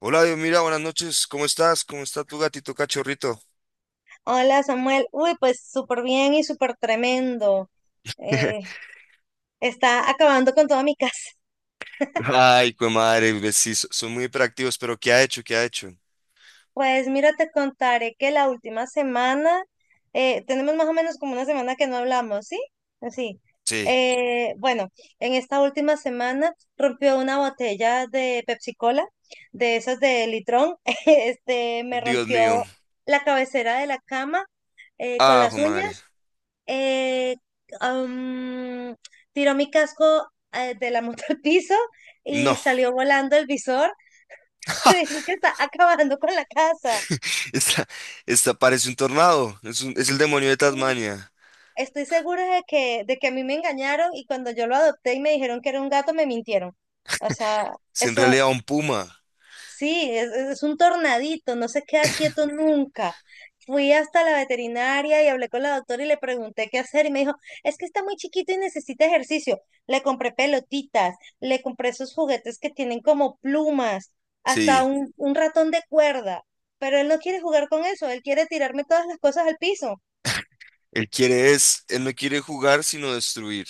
Hola, Dios, mira, buenas noches. ¿Cómo estás? ¿Cómo está tu gatito cachorrito? Hola Samuel, uy, pues súper bien y súper tremendo. Eh, Está acabando con toda mi casa. Ay, pues madre, ves, sí, son muy hiperactivos, pero ¿qué ha hecho? ¿Qué ha hecho? Pues mira, te contaré que la última semana, tenemos más o menos como una semana que no hablamos, ¿sí? Sí. Sí, Bueno, en esta última semana rompió una botella de Pepsi Cola, de esas de litrón. Me Dios mío. rompió la cabecera de la cama con Ah, jue las madre. uñas eh, am, tiró mi casco de la moto al piso No, y salió volando el visor. Te digo que está acabando con la casa. esta, esta parece un tornado. Es, es el demonio de Tasmania. Estoy segura de que a mí me engañaron y cuando yo lo adopté y me dijeron que era un gato, me mintieron. O sea, Es en eso, realidad un puma. sí, es un tornadito, no se queda quieto nunca. Fui hasta la veterinaria y hablé con la doctora y le pregunté qué hacer y me dijo, es que está muy chiquito y necesita ejercicio. Le compré pelotitas, le compré esos juguetes que tienen como plumas, hasta Sí, un ratón de cuerda, pero él no quiere jugar con eso, él quiere tirarme todas las cosas al piso. Él no quiere jugar, sino destruir.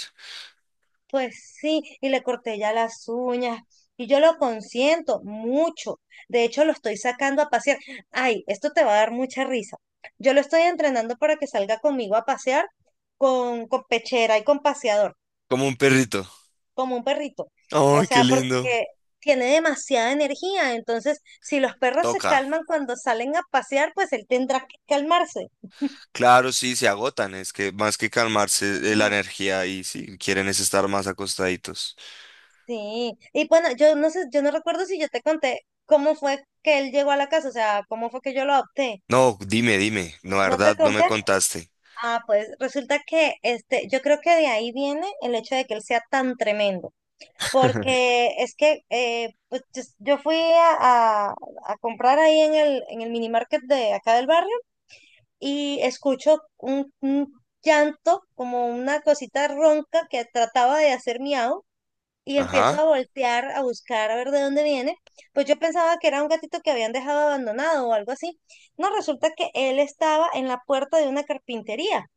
Pues sí, y le corté ya las uñas. Y yo lo consiento mucho. De hecho, lo estoy sacando a pasear. Ay, esto te va a dar mucha risa. Yo lo estoy entrenando para que salga conmigo a pasear con pechera y con paseador, Como un perrito. como un perrito. O Ay, qué sea, lindo. porque tiene demasiada energía. Entonces, si los perros se Toca. calman cuando salen a pasear, pues él tendrá que calmarse. Claro, sí, se agotan. Es que más que calmarse la Sí. energía y sí, quieren es estar más acostaditos. Sí, y bueno, yo no sé, yo no recuerdo si yo te conté cómo fue que él llegó a la casa, o sea, cómo fue que yo lo adopté. No, dime, dime. No, la ¿No te verdad, no me conté? contaste. Ah, pues resulta que este, yo creo que de ahí viene el hecho de que él sea tan tremendo, porque es que pues yo a comprar ahí en en el mini market de acá del barrio y escucho un llanto, como una cosita ronca que trataba de hacer miau y empiezo Ajá. a voltear, a buscar, a ver de dónde viene, pues yo pensaba que era un gatito que habían dejado abandonado o algo así. No, resulta que él estaba en la puerta de una carpintería.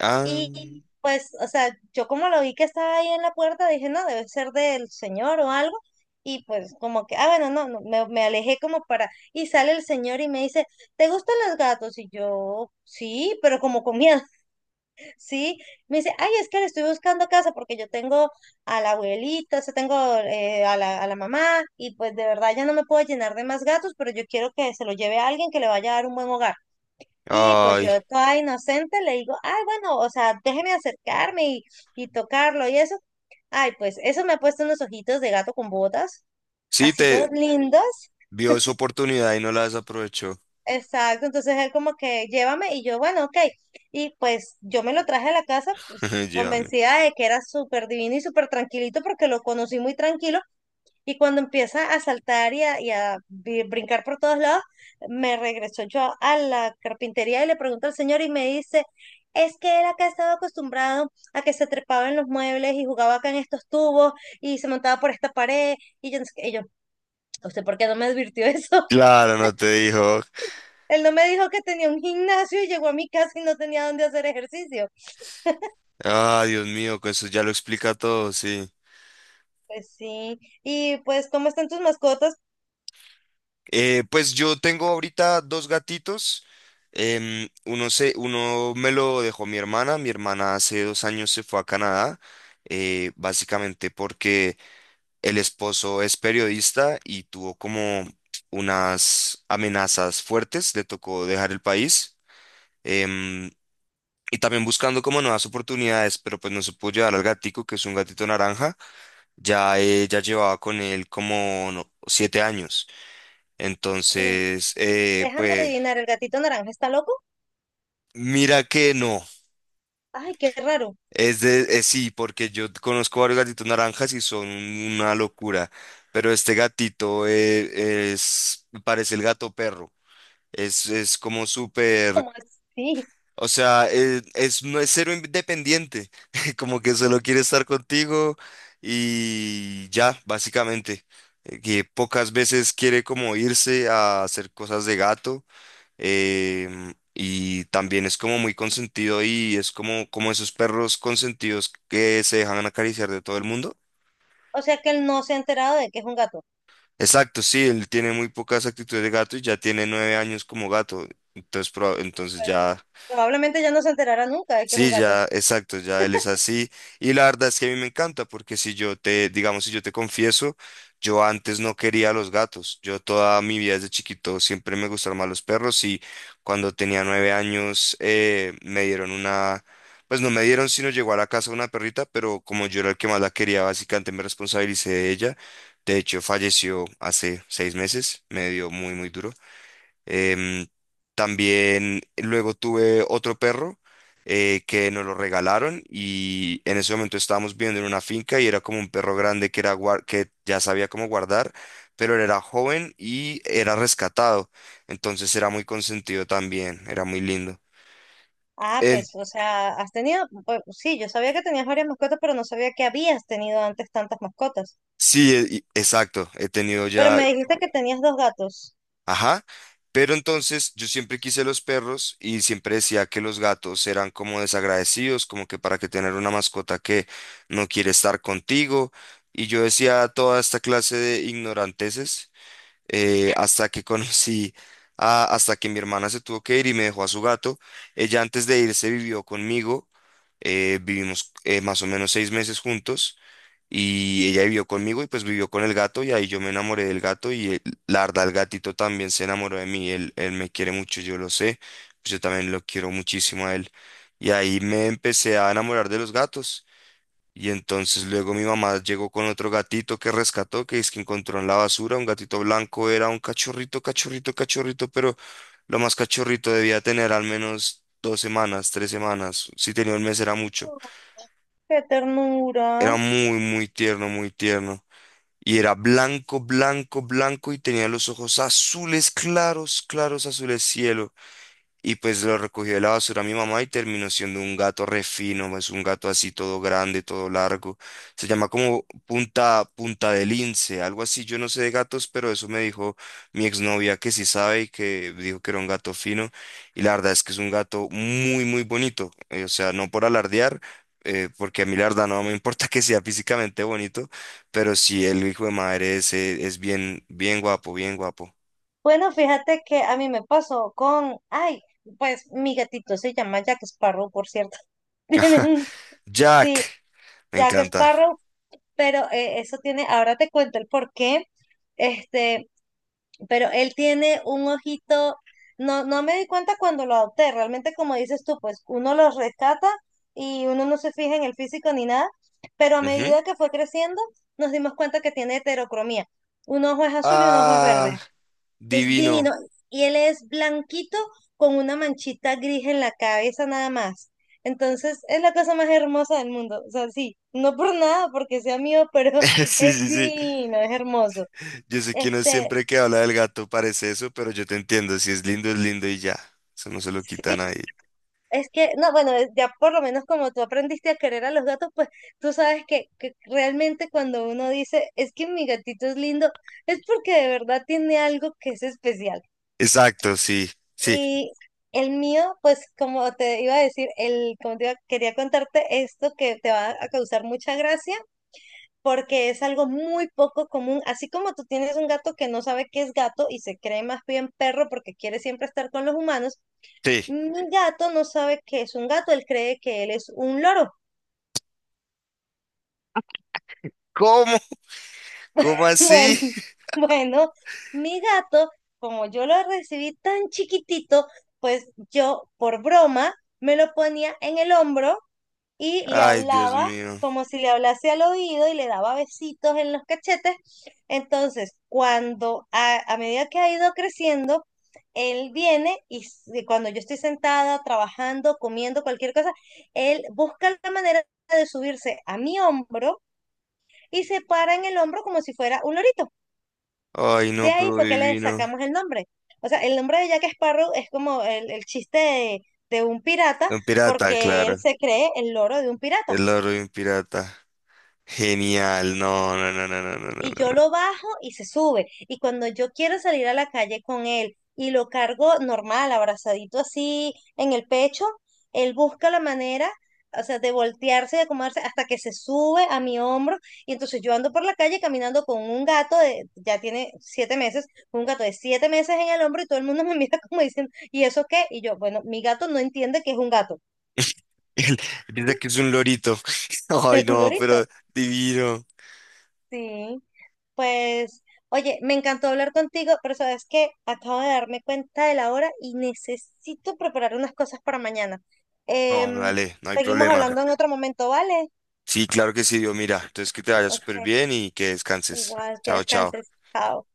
Ah, Y pues, o sea, yo como lo vi que estaba ahí en la puerta, dije, no, debe ser del señor o algo. Y pues como que, ah, bueno, no, no, me alejé como para... Y sale el señor y me dice, ¿te gustan los gatos? Y yo, sí, pero como con miedo. Sí, me dice, ay, es que le estoy buscando casa porque yo tengo a la abuelita, o sea, tengo a a la mamá y pues de verdad ya no me puedo llenar de más gatos, pero yo quiero que se lo lleve a alguien que le vaya a dar un buen hogar. Y pues yo ay. toda inocente le digo, ay, bueno, o sea, déjeme acercarme y tocarlo y eso. Ay, pues eso me ha puesto unos ojitos de gato con botas, Sí, así te todos lindos. vio su oportunidad y no la desaprovechó. Exacto, entonces él como que llévame y yo, bueno, ok. Y pues yo me lo traje a la casa, pues Llévame. convencida de que era súper divino y súper tranquilito porque lo conocí muy tranquilo y cuando empieza a saltar y y a brincar por todos lados, me regresó yo a la carpintería y le pregunto al señor y me dice, es que él acá estaba acostumbrado a que se trepaba en los muebles y jugaba acá en estos tubos y se montaba por esta pared y yo, no sé qué". Y yo, ¿usted por qué no me advirtió eso? Claro, no te dijo. Él no me dijo que tenía un gimnasio y llegó a mi casa y no tenía dónde hacer ejercicio. Ah, Dios mío, que eso ya lo explica todo, sí. Pues sí. Y pues, ¿cómo están tus mascotas? Pues yo tengo ahorita dos gatitos. Uno me lo dejó mi hermana. Mi hermana hace 2 años se fue a Canadá, básicamente porque el esposo es periodista y tuvo como unas amenazas fuertes, le tocó dejar el país. em, y también buscando como nuevas oportunidades, pero pues no se pudo llevar al gatico, que es un gatito naranja. Ya ella llevaba con él como no, 7 años. Eh, Entonces, Déjame pues adivinar, ¿el gatito naranja está loco? mira que no. Ay, qué raro. Es de, es sí, porque yo conozco varios gatitos naranjas y son una locura. Pero este gatito es, parece el gato perro. Es como súper, ¿Cómo así? o sea, es, no es cero independiente, como que solo quiere estar contigo y ya, básicamente. Que pocas veces quiere como irse a hacer cosas de gato, y también es como muy consentido y es como, como esos perros consentidos que se dejan acariciar de todo el mundo. O sea que él no se ha enterado de que es un gato. Exacto, sí, él tiene muy pocas actitudes de gato y ya tiene 9 años como gato, entonces, ya... Pues probablemente ya no se enterará nunca de que es un Sí, gato. ya, exacto, ya él es así. Y la verdad es que a mí me encanta, porque si yo te, digamos, si yo te confieso, yo antes no quería a los gatos. Yo toda mi vida desde chiquito siempre me gustaron más los perros y cuando tenía 9 años me dieron una, pues no me dieron, sino llegó a la casa una perrita, pero como yo era el que más la quería, básicamente me responsabilicé de ella. De hecho, falleció hace 6 meses, me dio muy, muy duro. Em, también luego tuve otro perro que nos lo regalaron y en ese momento estábamos viviendo en una finca y era como un perro grande que, que ya sabía cómo guardar, pero él era joven y era rescatado. Entonces era muy consentido también, era muy lindo. Ah, En- pues, o sea, has tenido, pues, sí, yo sabía que tenías varias mascotas, pero no sabía que habías tenido antes tantas mascotas. sí, exacto. He tenido Pero ya, me dijiste que tenías dos gatos. ajá, pero entonces yo siempre quise los perros y siempre decía que los gatos eran como desagradecidos, como que para que tener una mascota que no quiere estar contigo. Y yo decía toda esta clase de ignoranteses hasta que conocí, hasta que mi hermana se tuvo que ir y me dejó a su gato. Ella antes de irse vivió conmigo, vivimos más o menos 6 meses juntos. Y ella vivió conmigo y pues vivió con el gato y ahí yo me enamoré del gato y la verdad el gatito también se enamoró de mí, él me quiere mucho, yo lo sé, pues yo también lo quiero muchísimo a él. Y ahí me empecé a enamorar de los gatos y entonces luego mi mamá llegó con otro gatito que rescató, que es que encontró en la basura, un gatito blanco, era un cachorrito, cachorrito, cachorrito, pero lo más cachorrito debía tener al menos 2 semanas, 3 semanas, si tenía un mes era mucho, Oh, qué ternura. era muy, muy tierno, muy tierno. Y era blanco, blanco, blanco y tenía los ojos azules, claros, claros, azules cielo. Y pues lo recogió de la basura mi mamá y terminó siendo un gato re fino, es un gato así todo grande, todo largo. Se llama como punta, punta de lince, algo así. Yo no sé de gatos, pero eso me dijo mi exnovia que sí sabe y que dijo que era un gato fino. Y la verdad es que es un gato muy, muy bonito. O sea, no por alardear, porque a mí la verdad no me importa que sea físicamente bonito, pero sí el hijo de madre es bien, bien guapo, bien guapo. Bueno, fíjate que a mí me pasó con, ay, pues mi gatito se llama Jack Sparrow, por cierto. Tiene un, sí, Jack, me Jack encanta. Sparrow, pero eso tiene, ahora te cuento el por qué, este, pero él tiene un ojito, no me di cuenta cuando lo adopté, realmente como dices tú, pues uno los rescata y uno no se fija en el físico ni nada, pero a medida que fue creciendo, nos dimos cuenta que tiene heterocromía. Un ojo es azul y un ojo es Ah, verde. Es divino. divino. Y él es blanquito con una manchita gris en la cabeza nada más. Entonces es la cosa más hermosa del mundo. O sea, sí, no por nada, porque sea mío, pero Sí, es sí, sí. divino, es hermoso. Yo sé que uno Este, siempre que habla del gato parece eso, pero yo te entiendo. Si es lindo, es lindo y ya. Eso no se lo quitan ahí. es que, no, bueno, ya por lo menos como tú aprendiste a querer a los gatos, pues tú sabes que realmente cuando uno dice, es que mi gatito es lindo, es porque de verdad tiene algo que es especial. Exacto, sí, sí, Y el mío, pues como te iba a decir, quería contarte esto que te va a causar mucha gracia porque es algo muy poco común. Así como tú tienes un gato que no sabe qué es gato y se cree más bien perro porque quiere siempre estar con los humanos, sí. mi gato no sabe qué es un gato, él cree que él es un loro. ¿Cómo? ¿Cómo así? Bueno, bueno, mi gato, como yo lo recibí tan chiquitito, pues yo por broma me lo ponía en el hombro y le Ay, Dios hablaba mío. como si le hablase al oído y le daba besitos en los cachetes. Entonces, a medida que ha ido creciendo, él viene y cuando yo estoy sentada, trabajando, comiendo cualquier cosa, él busca la manera de subirse a mi hombro y se para en el hombro como si fuera un lorito. Ay, De no, ahí pero fue que le divino. sacamos el nombre. O sea, el nombre de Jack Sparrow es como el chiste de un pirata Un pirata, porque él claro. se cree el loro de un pirata. El loro de un pirata. Genial. No, no, no, no, no, no, no, Y no, yo no. lo bajo y se sube. Y cuando yo quiero salir a la calle con él y lo cargo normal, abrazadito así en el pecho, él busca la manera, o sea, de voltearse, de acomodarse hasta que se sube a mi hombro. Y entonces yo ando por la calle caminando con un gato de, ya tiene 7 meses, un gato de 7 meses en el hombro y todo el mundo me mira como diciendo, ¿y eso qué? Y yo, bueno, mi gato no entiende que es un gato, Él piensa que es un lorito. Ay, es un no, pero lorito. divino. Sí. Pues, oye, me encantó hablar contigo, pero sabes que acabo de darme cuenta de la hora y necesito preparar unas cosas para mañana. No, Em, dale, no hay Seguimos problema. hablando en otro momento, ¿vale? Sí, claro que sí, Dios, mira. Entonces que te vaya Ok, súper bien y que descanses. igual que Chao, chao. descanses. Chao.